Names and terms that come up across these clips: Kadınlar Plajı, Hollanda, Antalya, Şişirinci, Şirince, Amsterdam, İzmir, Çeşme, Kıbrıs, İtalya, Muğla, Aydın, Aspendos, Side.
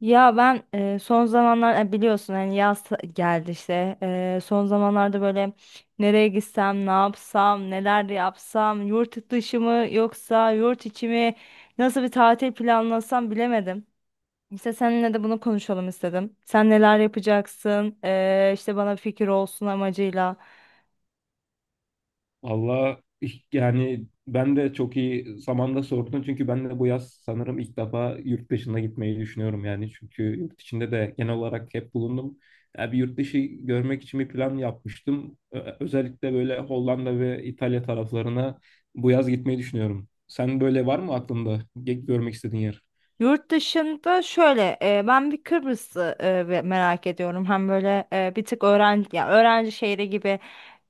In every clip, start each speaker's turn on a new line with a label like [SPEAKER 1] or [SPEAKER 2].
[SPEAKER 1] Ya ben son zamanlar biliyorsun hani yaz geldi işte son zamanlarda böyle nereye gitsem ne yapsam neler yapsam yurt dışı mı yoksa yurt içi mi nasıl bir tatil planlasam bilemedim. İşte seninle de bunu konuşalım istedim. Sen neler yapacaksın işte bana fikir olsun amacıyla.
[SPEAKER 2] Valla yani ben de çok iyi zamanda sordun çünkü ben de bu yaz sanırım ilk defa yurt dışına gitmeyi düşünüyorum yani çünkü yurt içinde de genel olarak hep bulundum. Yani bir yurt dışı görmek için bir plan yapmıştım. Özellikle böyle Hollanda ve İtalya taraflarına bu yaz gitmeyi düşünüyorum. Sen böyle var mı aklında görmek istediğin yer?
[SPEAKER 1] Yurt dışında şöyle ben bir Kıbrıs'ı merak ediyorum. Hem böyle bir tık öğrenci ya öğrenci şehri gibi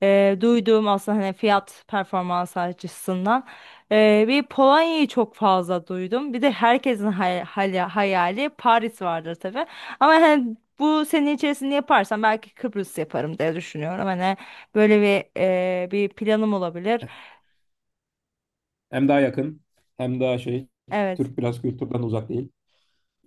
[SPEAKER 1] duyduğum aslında hani fiyat performans açısından bir Polonya'yı çok fazla duydum. Bir de herkesin hayali Paris vardır tabii. Ama hani bu sene içerisinde yaparsam belki Kıbrıs yaparım diye düşünüyorum. Hani böyle bir planım olabilir.
[SPEAKER 2] Hem daha yakın, hem daha şey,
[SPEAKER 1] Evet.
[SPEAKER 2] Türk biraz kültürden uzak değil.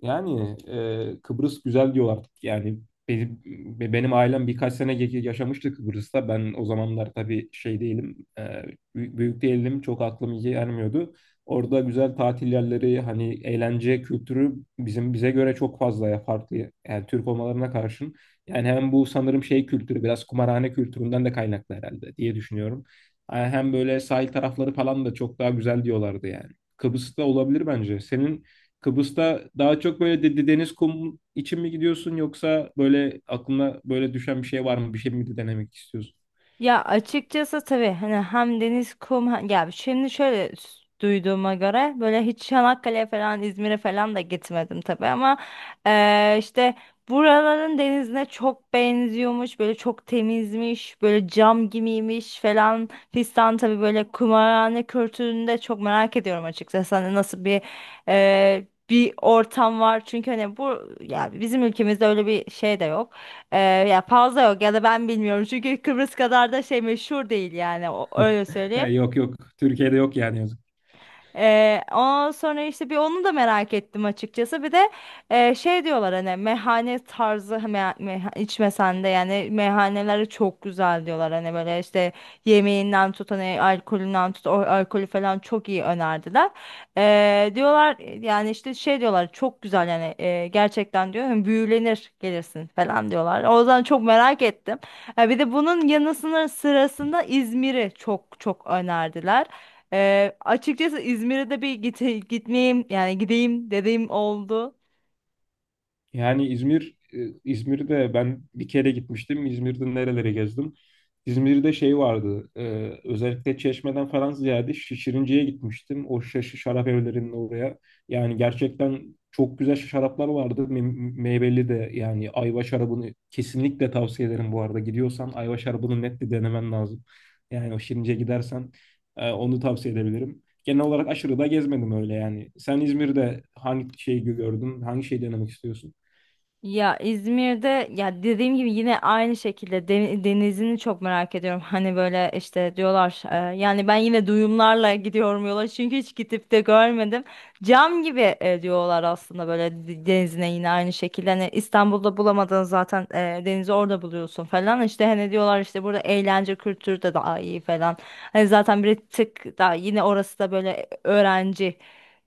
[SPEAKER 2] Yani Kıbrıs güzel diyorlar artık. Yani benim, benim ailem birkaç sene yaşamıştı Kıbrıs'ta. Ben o zamanlar tabii şey değilim, büyük değilim. Çok aklım iyi ermiyordu. Orada güzel tatil yerleri, hani eğlence kültürü bizim bize göre çok fazla ya farklı. Yani Türk olmalarına karşın. Yani hem bu sanırım şey kültürü, biraz kumarhane kültüründen de kaynaklı herhalde diye düşünüyorum. Yani hem böyle sahil tarafları falan da çok daha güzel diyorlardı yani. Kıbrıs'ta olabilir bence. Senin Kıbrıs'ta daha çok böyle deniz kum için mi gidiyorsun, yoksa böyle aklına böyle düşen bir şey var mı? Bir şey mi denemek istiyorsun?
[SPEAKER 1] Ya açıkçası tabii hani hem deniz kum ya şimdi şöyle duyduğuma göre böyle hiç Çanakkale'ye falan İzmir'e falan da gitmedim tabii ama işte buraların denizine çok benziyormuş, böyle çok temizmiş, böyle cam gibiymiş falan fistan. Tabii böyle kumarhane kültürünü de çok merak ediyorum açıkçası, hani nasıl bir ortam var. Çünkü hani bu ya bizim ülkemizde öyle bir şey de yok. Ee, Ya fazla yok ya da ben bilmiyorum, çünkü Kıbrıs kadar da şey meşhur değil yani, o, öyle
[SPEAKER 2] He,
[SPEAKER 1] söyleyeyim.
[SPEAKER 2] yok yok. Türkiye'de yok yani.
[SPEAKER 1] Ondan sonra işte bir onu da merak ettim açıkçası. Bir de şey diyorlar, hani meyhane tarzı, me me içmesen de yani meyhaneleri çok güzel diyorlar. Hani böyle işte yemeğinden tut, hani alkolünden tut, o alkolü falan çok iyi önerdiler. Diyorlar yani işte, şey diyorlar çok güzel yani, gerçekten diyor hani büyülenir gelirsin falan diyorlar. O yüzden çok merak ettim. Ha, bir de bunun yanı sırasında İzmir'i çok çok önerdiler. Açıkçası İzmir'e de bir gitmeyeyim yani gideyim dediğim oldu.
[SPEAKER 2] Yani İzmir, İzmir'de ben bir kere gitmiştim. İzmir'de nerelere gezdim? İzmir'de şey vardı. Özellikle Çeşme'den falan ziyade Şişirinci'ye gitmiştim. O şaşı şarap evlerinin oraya. Yani gerçekten çok güzel şaraplar vardı. Meyveli de yani ayva şarabını kesinlikle tavsiye ederim bu arada. Gidiyorsan ayva şarabını net bir denemen lazım. Yani o Şirince'ye gidersen onu tavsiye edebilirim. Genel olarak aşırı da gezmedim öyle yani. Sen İzmir'de hangi şeyi gördün? Hangi şeyi denemek istiyorsun?
[SPEAKER 1] Ya İzmir'de ya, dediğim gibi, yine aynı şekilde denizini çok merak ediyorum. Hani böyle işte diyorlar yani ben yine duyumlarla gidiyorum yola, çünkü hiç gidip de görmedim. Cam gibi diyorlar aslında, böyle denizine yine aynı şekilde. Hani İstanbul'da bulamadığın zaten denizi orada buluyorsun falan. İşte hani diyorlar işte burada eğlence kültürü de daha iyi falan. Hani zaten bir tık daha yine orası da böyle öğrenci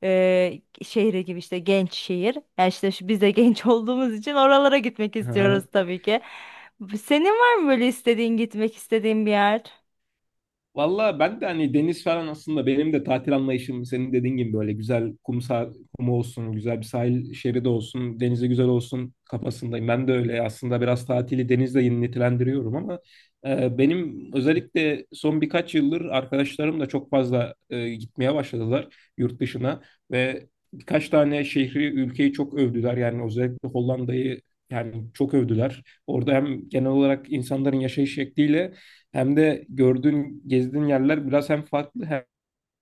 [SPEAKER 1] şehri gibi, işte genç şehir. Yani işte biz de genç olduğumuz için oralara gitmek
[SPEAKER 2] Hı hı.
[SPEAKER 1] istiyoruz tabii ki. Senin var mı böyle gitmek istediğin bir yer?
[SPEAKER 2] Valla ben de hani deniz falan aslında benim de tatil anlayışım senin dediğin gibi böyle güzel kum, kum olsun, güzel bir sahil şeridi olsun, denize güzel olsun kafasındayım. Ben de öyle aslında biraz tatili denizle yenilendiriyorum ama benim özellikle son birkaç yıldır arkadaşlarım da çok fazla gitmeye başladılar yurt dışına ve birkaç tane şehri, ülkeyi çok övdüler. Yani özellikle Hollanda'yı yani çok övdüler. Orada hem genel olarak insanların yaşayış şekliyle hem de gördüğün, gezdiğin yerler biraz hem farklı, hem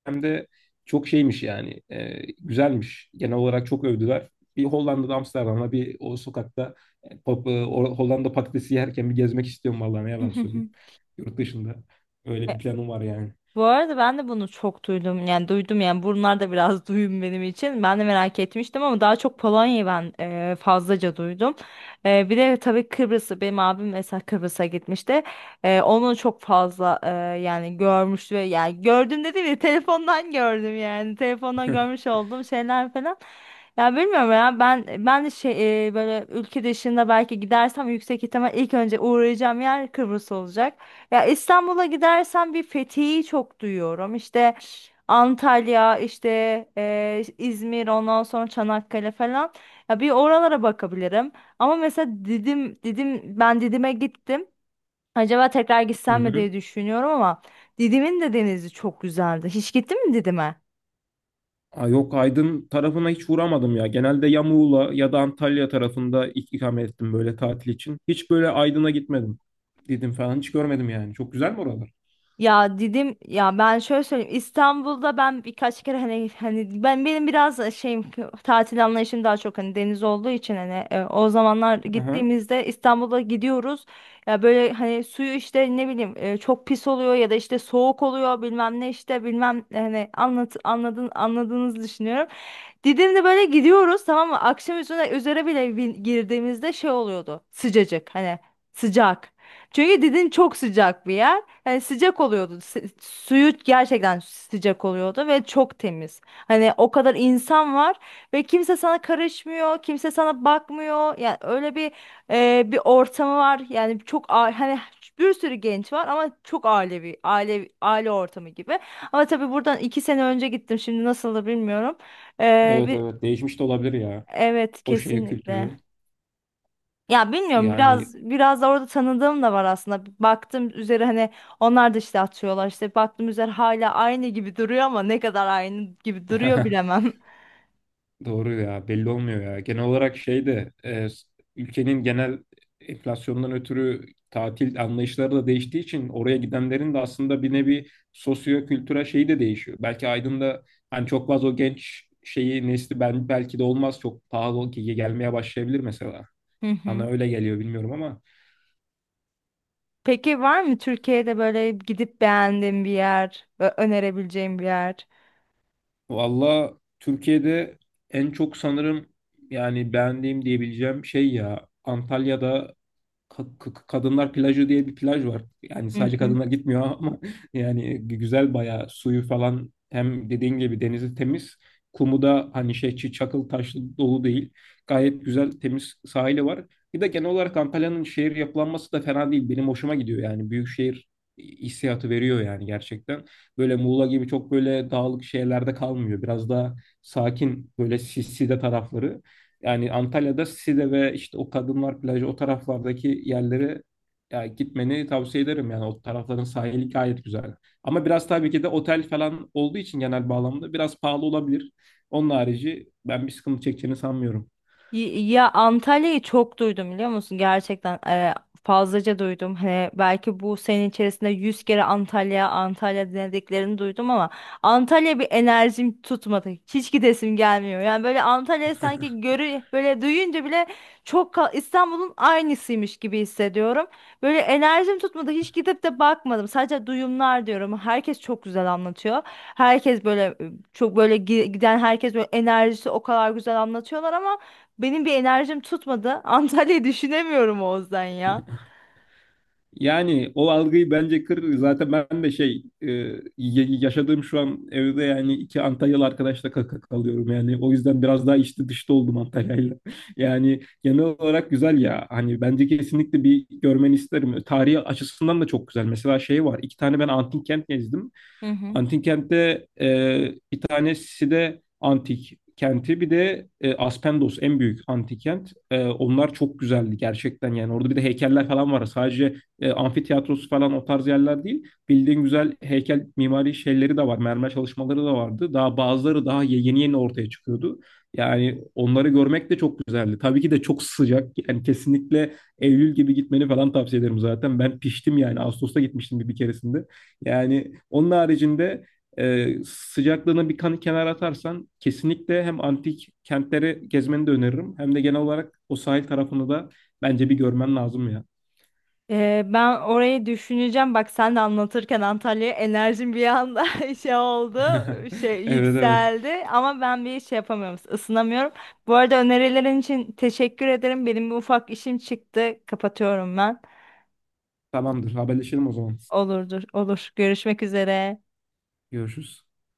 [SPEAKER 2] hem de çok şeymiş yani. Güzelmiş. Genel olarak çok övdüler. Bir Hollanda'da Amsterdam'da bir o sokakta Hollanda patatesi yerken bir gezmek istiyorum vallahi, ne yalan söyleyeyim. Yurt dışında. Öyle bir planım var yani.
[SPEAKER 1] Bu arada ben de bunu çok duydum. Yani duydum yani, bunlar da biraz duyum benim için. Ben de merak etmiştim ama daha çok Polonya'yı ben fazlaca duydum. Bir de tabii Kıbrıs'ı, benim abim mesela Kıbrıs'a gitmişti. Onu çok fazla yani görmüş ve yani, gördüm dediğim gibi telefondan gördüm yani. Telefondan görmüş olduğum şeyler falan. Ya bilmiyorum, ya ben de şey, böyle ülke dışında belki gidersem yüksek ihtimal ilk önce uğrayacağım yer Kıbrıs olacak. Ya İstanbul'a gidersen bir Fethiye'yi çok duyuyorum. İşte Antalya, işte İzmir, ondan sonra Çanakkale falan. Ya bir oralara bakabilirim. Ama mesela Didim, ben Didim'e gittim. Acaba tekrar
[SPEAKER 2] Hı
[SPEAKER 1] gitsem mi
[SPEAKER 2] hı.
[SPEAKER 1] diye düşünüyorum ama Didim'in de denizi çok güzeldi. Hiç gittin mi Didim'e?
[SPEAKER 2] Aa, yok, Aydın tarafına hiç uğramadım ya. Genelde ya Muğla ya da Antalya tarafında ikamet ettim böyle tatil için. Hiç böyle Aydın'a gitmedim. Dedim falan hiç görmedim yani. Çok güzel mi oralar?
[SPEAKER 1] Ya dedim ya, ben şöyle söyleyeyim, İstanbul'da ben birkaç kere hani ben, benim biraz da şeyim, tatil anlayışım daha çok hani deniz olduğu için, hani o zamanlar
[SPEAKER 2] Aha.
[SPEAKER 1] gittiğimizde İstanbul'a gidiyoruz ya, böyle hani suyu işte ne bileyim çok pis oluyor ya da işte soğuk oluyor, bilmem ne işte, bilmem hani anladın, anladığınızı düşünüyorum. Didim'de böyle gidiyoruz tamam mı? Akşam üzere bile girdiğimizde şey oluyordu. Sıcacık, hani sıcak. Çünkü Didim çok sıcak bir yer. Hani sıcak oluyordu. Suyu gerçekten sıcak oluyordu ve çok temiz. Hani o kadar insan var ve kimse sana karışmıyor, kimse sana bakmıyor. Yani öyle bir ortamı var. Yani çok hani bir sürü genç var ama çok ailevi, aile aile ortamı gibi. Ama tabii buradan iki sene önce gittim. Şimdi nasıldır bilmiyorum. Ee,
[SPEAKER 2] Evet,
[SPEAKER 1] bir,
[SPEAKER 2] evet, değişmiş de olabilir ya.
[SPEAKER 1] evet
[SPEAKER 2] O şeye kültürü
[SPEAKER 1] kesinlikle. Ya bilmiyorum,
[SPEAKER 2] yani.
[SPEAKER 1] biraz biraz da orada tanıdığım da var aslında. Baktım üzeri hani, onlar da işte atıyorlar işte, baktım üzeri hala aynı gibi duruyor, ama ne kadar aynı gibi duruyor bilemem.
[SPEAKER 2] Doğru ya, belli olmuyor ya. Genel olarak şey de ülkenin genel enflasyondan ötürü tatil anlayışları da değiştiği için oraya gidenlerin de aslında bir nevi sosyo-kültürel şeyi de değişiyor. Belki Aydın'da hani çok fazla o genç şeyi nesli, ben belki de olmaz çok pahalı ki gelmeye başlayabilir mesela.
[SPEAKER 1] Hı
[SPEAKER 2] Bana
[SPEAKER 1] hı.
[SPEAKER 2] öyle geliyor, bilmiyorum ama.
[SPEAKER 1] Peki var mı Türkiye'de böyle gidip beğendiğin bir yer, önerebileceğin bir yer?
[SPEAKER 2] Valla, Türkiye'de en çok sanırım yani beğendiğim diyebileceğim şey ya Antalya'da Kadınlar Plajı diye bir plaj var. Yani
[SPEAKER 1] Hı
[SPEAKER 2] sadece
[SPEAKER 1] hı.
[SPEAKER 2] kadınlar gitmiyor ama yani güzel bayağı suyu falan, hem dediğin gibi denizi temiz. Kumu da hani şey, çakıl taşlı dolu değil. Gayet güzel temiz sahili var. Bir de genel olarak Antalya'nın şehir yapılanması da fena değil. Benim hoşuma gidiyor yani. Büyük şehir hissiyatı veriyor yani gerçekten. Böyle Muğla gibi çok böyle dağlık şehirlerde kalmıyor. Biraz daha sakin böyle sisli de tarafları. Yani Antalya'da Side ve işte o Kadınlar Plajı, o taraflardaki yerlere ya gitmeni tavsiye ederim yani, o tarafların sahili gayet güzel. Ama biraz tabii ki de otel falan olduğu için genel bağlamda biraz pahalı olabilir. Onun harici ben bir sıkıntı çekeceğini sanmıyorum.
[SPEAKER 1] Ya Antalya'yı çok duydum biliyor musun? Gerçekten fazlaca duydum. Hani belki bu sene içerisinde 100 kere Antalya, Antalya denediklerini duydum ama Antalya bir enerjim tutmadı. Hiç gidesim gelmiyor. Yani böyle Antalya, sanki böyle duyunca bile çok İstanbul'un aynısıymış gibi hissediyorum. Böyle enerjim tutmadı. Hiç gidip de bakmadım. Sadece duyumlar diyorum. Herkes çok güzel anlatıyor. Herkes böyle çok böyle giden herkes böyle enerjisi o kadar güzel anlatıyorlar ama benim bir enerjim tutmadı. Antalya'yı düşünemiyorum Oğuzdan ya.
[SPEAKER 2] Yani o algıyı bence kır. Zaten ben de şey, yaşadığım şu an evde yani iki Antalyalı arkadaşla kaka kalıyorum. Yani o yüzden biraz daha içli dışta oldum Antalya'yla. Yani genel olarak güzel ya. Hani bence kesinlikle bir görmeni isterim. Tarihi açısından da çok güzel. Mesela şey var, iki tane ben antik kent gezdim.
[SPEAKER 1] Hı hı.
[SPEAKER 2] Antik kentte bir tanesi de antik kenti, bir de Aspendos en büyük antik kent. Onlar çok güzeldi gerçekten yani, orada bir de heykeller falan var. Sadece amfitiyatrosu falan o tarz yerler değil. Bildiğin güzel heykel mimari şeyleri de var. Mermer çalışmaları da vardı. Daha bazıları daha yeni yeni ortaya çıkıyordu. Yani onları görmek de çok güzeldi. Tabii ki de çok sıcak. Yani kesinlikle Eylül gibi gitmeni falan tavsiye ederim zaten. Ben piştim yani. Ağustos'ta gitmiştim bir keresinde. Yani onun haricinde sıcaklığını bir kan kenara atarsan kesinlikle hem antik kentleri gezmeni de öneririm, hem de genel olarak o sahil tarafını da bence bir görmen lazım ya.
[SPEAKER 1] Ben orayı düşüneceğim. Bak sen de anlatırken Antalya'ya enerjim bir anda şey oldu. Şey
[SPEAKER 2] Evet, evet.
[SPEAKER 1] yükseldi. Ama ben bir şey yapamıyorum, ısınamıyorum. Bu arada önerilerin için teşekkür ederim. Benim bir ufak işim çıktı. Kapatıyorum ben.
[SPEAKER 2] Tamamdır. Haberleşelim o zaman.
[SPEAKER 1] Olurdur. Olur. Görüşmek üzere.
[SPEAKER 2] Görüşürüz.